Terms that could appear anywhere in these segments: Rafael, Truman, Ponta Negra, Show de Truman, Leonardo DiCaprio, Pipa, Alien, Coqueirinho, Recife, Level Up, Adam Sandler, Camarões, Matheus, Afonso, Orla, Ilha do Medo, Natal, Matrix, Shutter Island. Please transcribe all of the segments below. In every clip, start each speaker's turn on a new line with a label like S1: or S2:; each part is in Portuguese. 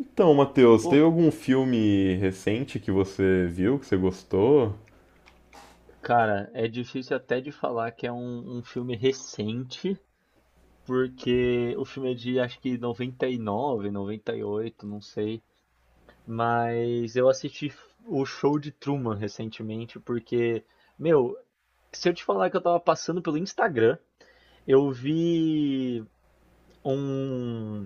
S1: Então, Matheus,
S2: Pô,
S1: teve algum filme recente que você viu, que você gostou?
S2: cara, é difícil até de falar que é um filme recente, porque o filme é de acho que 99, 98, não sei. Mas eu assisti o Show de Truman recentemente, porque, meu, se eu te falar que eu tava passando pelo Instagram, eu vi um,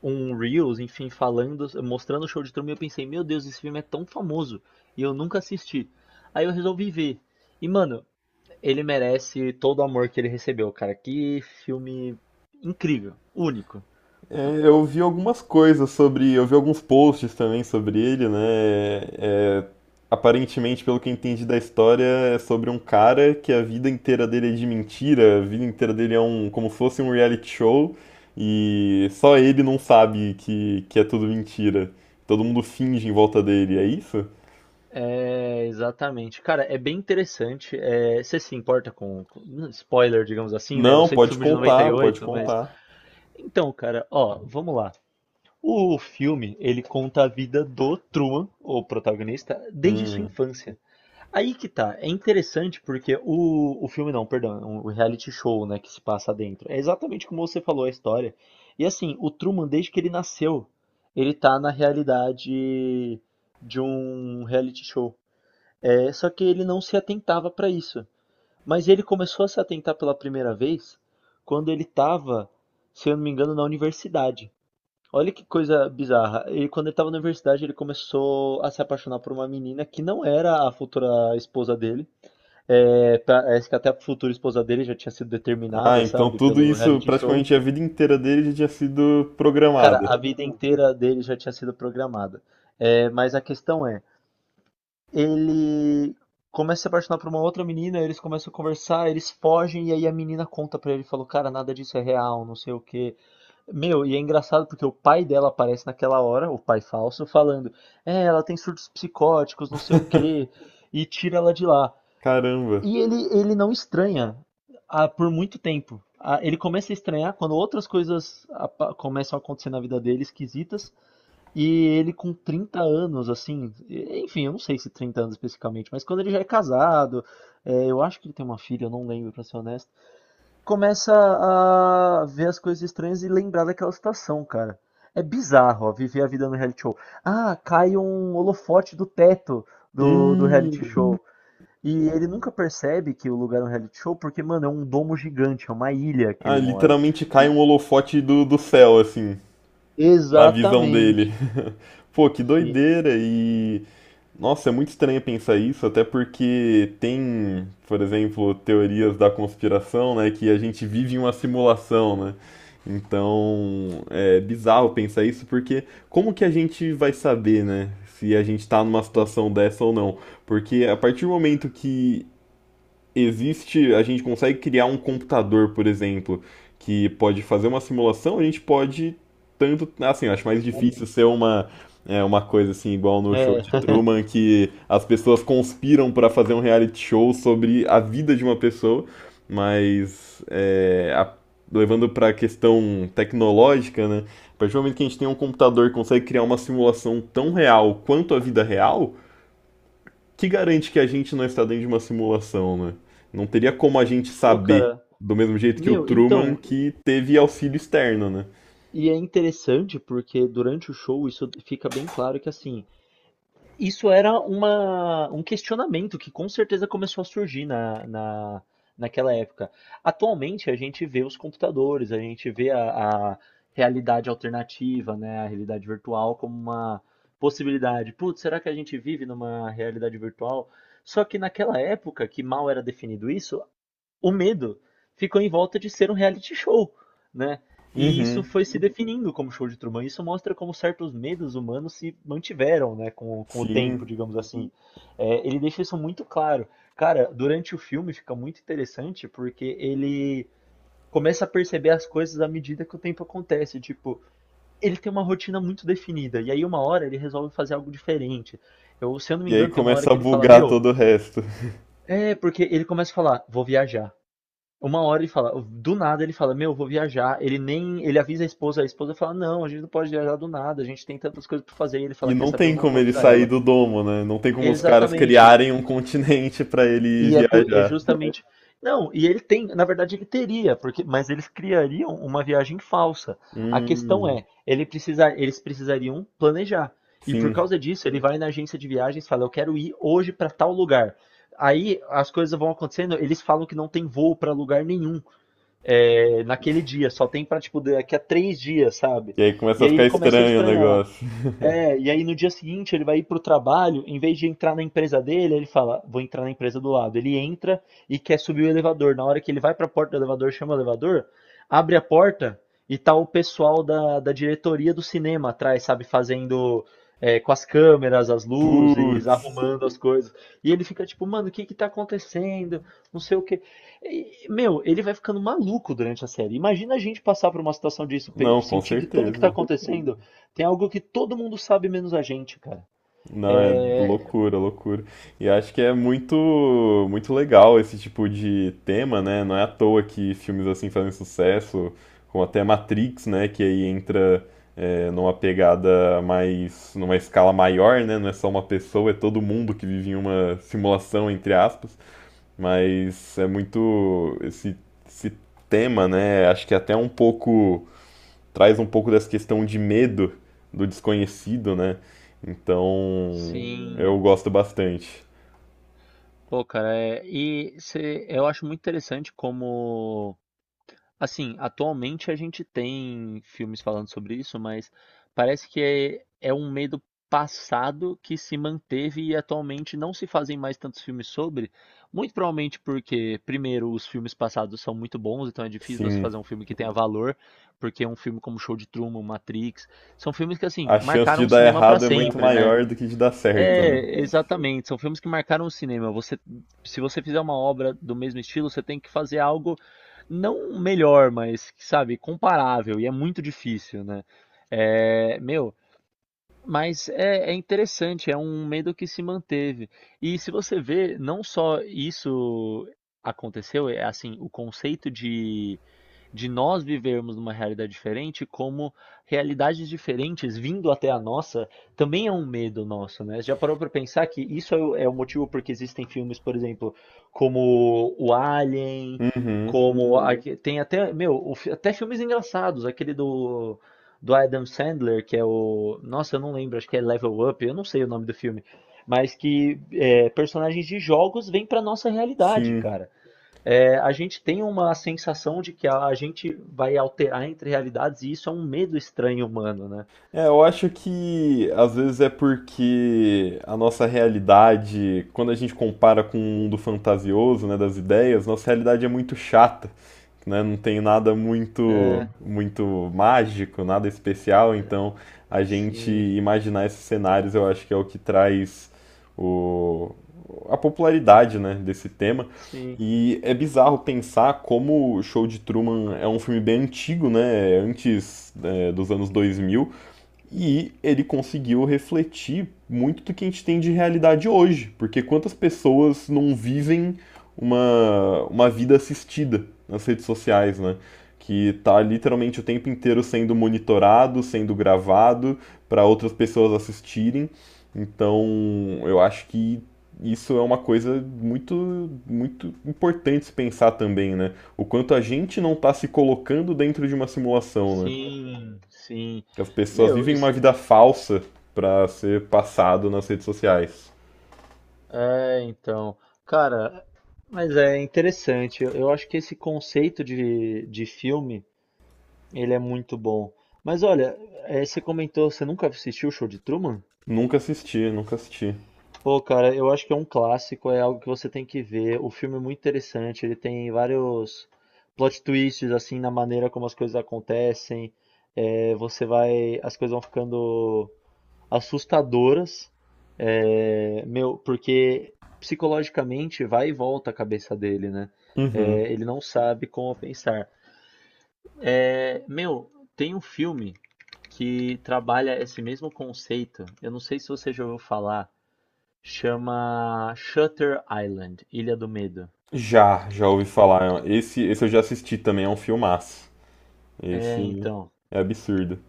S2: um Reels, enfim, falando, mostrando o Show de Truman, e eu pensei, meu Deus, esse filme é tão famoso, e eu nunca assisti. Aí eu resolvi ver. E, mano, ele merece todo o amor que ele recebeu, cara. Que filme incrível, único.
S1: É, eu vi algumas coisas sobre, eu vi alguns posts também sobre ele, né? É, aparentemente, pelo que eu entendi da história, é sobre um cara que a vida inteira dele é de mentira, a vida inteira dele é um, como se fosse um reality show, e só ele não sabe que é tudo mentira. Todo mundo finge em volta dele, é isso?
S2: É, exatamente. Cara, é bem interessante. É, você se importa com spoiler, digamos assim, né? Eu
S1: Não,
S2: sei que o
S1: pode
S2: filme é de noventa e
S1: contar, pode
S2: oito, mas.
S1: contar.
S2: Então, cara, ó, vamos lá. O filme, ele conta a vida do Truman, o protagonista, desde sua
S1: Hum.
S2: infância. Aí que tá, é interessante porque o filme não, perdão, o reality show, né, que se passa dentro. É exatamente como você falou a história. E assim, o Truman, desde que ele nasceu, ele tá na realidade de um reality show. É, só que ele não se atentava pra isso. Mas ele começou a se atentar pela primeira vez quando ele tava, se eu não me engano, na universidade. Olha que coisa bizarra. Ele, quando ele tava na universidade, ele começou a se apaixonar por uma menina que não era a futura esposa dele. É, que até a futura esposa dele já tinha sido
S1: Ah,
S2: determinada,
S1: então
S2: sabe,
S1: tudo
S2: pelo
S1: isso,
S2: reality show.
S1: praticamente a vida inteira dele já tinha sido
S2: Cara,
S1: programada.
S2: a vida inteira dele já tinha sido programada. É, mas a questão é, ele começa a se apaixonar por uma outra menina, eles começam a conversar, eles fogem, e aí a menina conta pra ele, falou, cara, nada disso é real, não sei o quê. Meu, e é engraçado porque o pai dela aparece naquela hora, o pai falso, falando, é, ela tem surtos psicóticos, não sei o quê, e tira ela de lá.
S1: Caramba.
S2: E ele não estranha por muito tempo. Ah, ele começa a estranhar quando outras coisas começam a acontecer na vida dele, esquisitas, e ele com 30 anos, assim, enfim, eu não sei se 30 anos especificamente, mas quando ele já é casado, é, eu acho que ele tem uma filha, eu não lembro, pra ser honesto, começa a ver as coisas estranhas e lembrar daquela situação, cara. É bizarro, ó, viver a vida no reality show. Ah, cai um holofote do teto do reality
S1: Hum.
S2: show. E ele nunca percebe que o lugar é um reality show, porque, mano, é um domo gigante, é uma ilha que
S1: Ah,
S2: ele mora.
S1: literalmente cai
S2: E-
S1: um holofote do céu, assim, na visão dele.
S2: Exatamente.
S1: Pô, que
S2: Sim,
S1: doideira! E nossa, é muito estranho pensar isso, até porque tem, por exemplo, teorias da conspiração, né, que a gente vive em uma simulação, né? Então, é bizarro pensar isso, porque como que a gente vai saber, né, se a gente está numa
S2: sim,
S1: situação dessa ou não? Porque a partir do momento que existe, a gente consegue criar um computador, por exemplo, que pode fazer uma simulação, a gente pode tanto, assim, eu acho mais
S2: sim.
S1: difícil ser uma é uma coisa assim igual no show
S2: É.
S1: de Truman que as pessoas conspiram para fazer um reality show sobre a vida de uma pessoa, mas é, levando para a questão tecnológica, né? A partir do momento que a gente tem um computador que consegue criar uma simulação tão real quanto a vida real, que garante que a gente não está dentro de uma simulação, né? Não teria como a gente
S2: Pô,
S1: saber,
S2: cara,
S1: do mesmo jeito que o
S2: meu,
S1: Truman,
S2: então,
S1: que teve auxílio externo, né?
S2: e é interessante porque durante o show isso fica bem claro que assim, isso era um questionamento que com certeza começou a surgir naquela época. Atualmente a gente vê os computadores, a gente vê a realidade alternativa, né, a realidade virtual como uma possibilidade. Putz, será que a gente vive numa realidade virtual? Só que naquela época, que mal era definido isso, o medo ficou em volta de ser um reality show, né? E isso
S1: Uhum,
S2: foi se definindo como Show de Truman. Isso mostra como certos medos humanos se mantiveram, né, com o tempo,
S1: sim.
S2: digamos assim. É, ele deixa isso muito claro. Cara, durante o filme fica muito interessante porque ele começa a perceber as coisas à medida que o tempo acontece. Tipo, ele tem uma rotina muito definida e aí uma hora ele resolve fazer algo diferente. Eu, se eu não me
S1: E aí
S2: engano, tem uma hora
S1: começa
S2: que
S1: a
S2: ele fala,
S1: bugar
S2: meu,
S1: todo o resto.
S2: é porque ele começa a falar, vou viajar. Uma hora ele fala, do nada ele fala, meu, eu vou viajar. Ele nem, ele avisa a esposa fala, não, a gente não pode viajar do nada, a gente tem tantas coisas para fazer. E ele fala,
S1: E
S2: quer
S1: não
S2: saber,
S1: tem
S2: eu não
S1: como
S2: vou
S1: ele
S2: avisar
S1: sair
S2: ela.
S1: do domo, né? Não tem como os caras
S2: Exatamente.
S1: criarem um continente para ele
S2: E é, é
S1: viajar.
S2: justamente, não, e ele tem, na verdade ele teria, porque, mas eles criariam uma viagem falsa. A questão
S1: Hum,
S2: é, ele precisa, eles precisariam planejar. E por
S1: sim.
S2: causa disso, ele vai na agência de viagens, e fala, eu quero ir hoje para tal lugar. Aí as coisas vão acontecendo, eles falam que não tem voo para lugar nenhum é, naquele dia, só tem pra, tipo, daqui a 3 dias, sabe?
S1: E aí começa
S2: E
S1: a
S2: aí ele
S1: ficar
S2: começa a
S1: estranho o
S2: estranhar.
S1: negócio.
S2: É, e aí no dia seguinte ele vai ir pro trabalho, em vez de entrar na empresa dele, ele fala, vou entrar na empresa do lado. Ele entra e quer subir o elevador. Na hora que ele vai pra porta do elevador, chama o elevador, abre a porta e tá o pessoal da diretoria do cinema atrás, sabe, fazendo é, com as câmeras, as luzes,
S1: Putz.
S2: arrumando as coisas. E ele fica tipo, mano, o que que tá acontecendo? Não sei o quê. E, meu, ele vai ficando maluco durante a série. Imagina a gente passar por uma situação disso,
S1: Não, com
S2: sentir que tudo que tá
S1: certeza.
S2: acontecendo tem algo que todo mundo sabe menos a gente, cara.
S1: Não, é loucura, loucura. E acho que é muito, muito legal esse tipo de tema, né? Não é à toa que filmes assim fazem sucesso, como até Matrix, né? Que aí entra é, numa pegada mais, numa escala maior, né? Não é só uma pessoa, é todo mundo que vive em uma simulação, entre aspas. Mas é muito esse, esse tema, né? Acho que é até um pouco traz um pouco dessa questão de medo do desconhecido, né? Então, eu
S2: Sim,
S1: gosto bastante.
S2: pô, cara, é, e eu acho muito interessante como, assim, atualmente a gente tem filmes falando sobre isso, mas parece que é um medo passado que se manteve e atualmente não se fazem mais tantos filmes sobre, muito provavelmente porque, primeiro, os filmes passados são muito bons, então é difícil você
S1: Sim,
S2: fazer um filme que tenha valor, porque um filme como Show de Truman, Matrix, são filmes que, assim,
S1: a chance
S2: marcaram
S1: de
S2: o
S1: dar
S2: cinema pra
S1: errado é muito
S2: sempre, né?
S1: maior do que de dar certo, né?
S2: É, exatamente. São filmes que marcaram o cinema. Você, se você fizer uma obra do mesmo estilo, você tem que fazer algo não melhor, mas, sabe, comparável. E é muito difícil, né? É, meu, mas é interessante, é um medo que se manteve. E se você vê, não só isso aconteceu, é assim, o conceito de nós vivermos numa realidade diferente, como realidades diferentes vindo até a nossa, também é um medo nosso, né? Você já parou para pensar que isso é o motivo porque existem filmes, por exemplo, como o Alien,
S1: Uhum,
S2: como Uhum. Tem até, meu, o até filmes engraçados, aquele do Adam Sandler, que é o. Nossa, eu não lembro, acho que é Level Up, eu não sei o nome do filme. Mas que é, personagens de jogos vêm para nossa realidade,
S1: sim.
S2: cara. É, a gente tem uma sensação de que a gente vai alterar entre realidades e isso é um medo estranho humano, né?
S1: É, eu acho que às vezes é porque a nossa realidade, quando a gente compara com o mundo fantasioso, né, das ideias, nossa realidade é muito chata, né? Não tem nada muito
S2: É,
S1: muito mágico, nada especial, então a gente
S2: sim,
S1: imaginar esses cenários, eu acho que é o que traz o, a popularidade, né, desse tema.
S2: sim,
S1: E é bizarro pensar como o Show de Truman é um filme bem antigo, né? Antes, é, dos anos 2000 e ele conseguiu refletir muito do que a gente tem de realidade hoje, porque quantas pessoas não vivem uma vida assistida nas redes sociais, né? Que está literalmente o tempo inteiro sendo monitorado, sendo gravado para outras pessoas assistirem. Então, eu acho que isso é uma coisa muito muito importante se pensar também, né? O quanto a gente não está se colocando dentro de uma simulação, né?
S2: sim, sim.
S1: Que as pessoas
S2: Meu,
S1: vivem
S2: isso.
S1: uma vida falsa pra ser passado nas redes sociais.
S2: É, então. Cara, mas é interessante. Eu acho que esse conceito de filme. Ele é muito bom. Mas olha, você comentou, você nunca assistiu o Show de Truman?
S1: Nunca assisti, nunca assisti.
S2: Pô, cara, eu acho que é um clássico, é algo que você tem que ver. O filme é muito interessante, ele tem vários plot twists, assim, na maneira como as coisas acontecem. Você vai, as coisas vão ficando assustadoras, meu, porque psicologicamente vai e volta a cabeça dele, né?
S1: Uhum.
S2: Ele não sabe como pensar. É, meu, tem um filme que trabalha esse mesmo conceito. Eu não sei se você já ouviu falar. Chama Shutter Island, Ilha do Medo.
S1: Já, já ouvi falar. Esse eu já assisti também, é um filmaço.
S2: É,
S1: Esse
S2: então.
S1: é absurdo.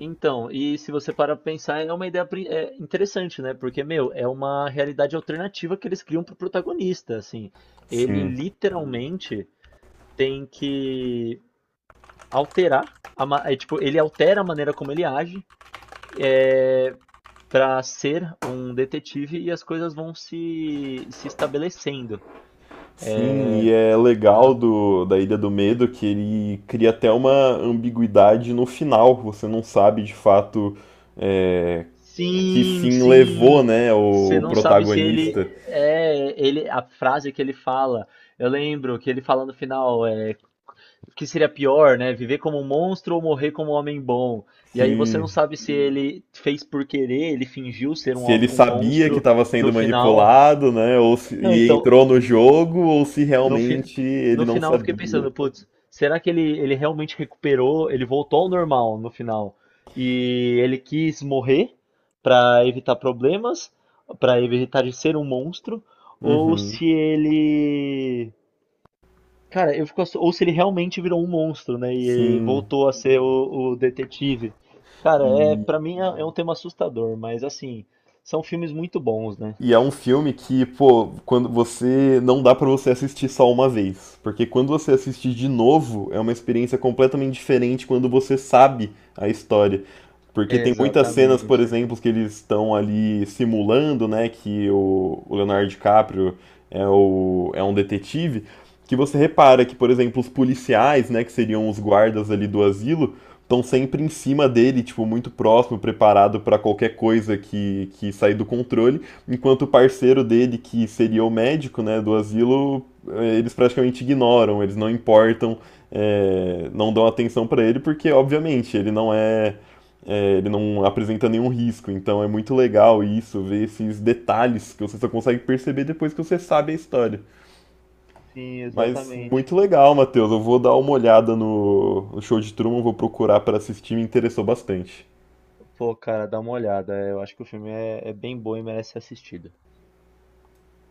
S2: Então, e se você parar pra pensar, é uma ideia interessante, né? Porque, meu, é uma realidade alternativa que eles criam pro protagonista, assim. Ele
S1: Sim.
S2: literalmente tem que alterar, tipo, ele altera a maneira como ele age, é, para ser um detetive e as coisas vão se estabelecendo,
S1: Sim, e é legal
S2: né?
S1: do, da Ilha do Medo que ele cria até uma ambiguidade no final. Você não sabe de fato é, que
S2: Sim,
S1: fim levou,
S2: sim.
S1: né,
S2: Você
S1: o
S2: não Sim, é sabe se ele
S1: protagonista.
S2: muito é ele a frase que ele fala. Eu lembro que ele fala no final, é, que seria pior, né? Viver como um monstro ou morrer como um homem bom. E aí você não
S1: Sim,
S2: sabe se ele fez por querer, ele fingiu ser um,
S1: se ele
S2: homem- um
S1: sabia que
S2: monstro
S1: estava
S2: no
S1: sendo
S2: final.
S1: manipulado, né? Ou se,
S2: Não,
S1: e
S2: então,
S1: entrou no jogo, ou se
S2: No, fi-
S1: realmente ele
S2: no
S1: não
S2: final eu fiquei
S1: sabia.
S2: pensando, putz, será que ele realmente recuperou? Ele voltou ao normal no final. E ele quis morrer pra evitar problemas, pra evitar de ser um monstro, ou
S1: Uhum,
S2: se ele. Cara, eu fico ou se ele realmente virou um monstro, né? E
S1: sim.
S2: voltou a ser o detetive. Cara, é, para mim é um tema assustador, mas assim, são filmes muito bons, né?
S1: E é um filme que, pô, quando você não dá pra você assistir só uma vez, porque quando você assiste de novo, é uma experiência completamente diferente quando você sabe a história. Porque tem muitas cenas, por
S2: Exatamente.
S1: exemplo, que eles estão ali simulando, né, que o Leonardo DiCaprio é, o, é um detetive, que você repara que, por exemplo, os policiais, né, que seriam os guardas ali do asilo, estão sempre em cima dele, tipo, muito próximo, preparado para qualquer coisa que sair do controle enquanto o parceiro dele, que seria o médico né, do asilo, eles praticamente ignoram, eles não importam, não dão atenção para ele, porque obviamente ele não é, ele não apresenta nenhum risco. Então é muito legal isso, ver esses detalhes que você só consegue perceber depois que você sabe a história.
S2: Sim,
S1: Mas
S2: exatamente.
S1: muito legal, Matheus. Eu vou dar uma olhada no, no show de Truman, vou procurar para assistir, me interessou bastante.
S2: Pô, cara, dá uma olhada. É, eu acho que o filme é bem bom e merece ser assistido.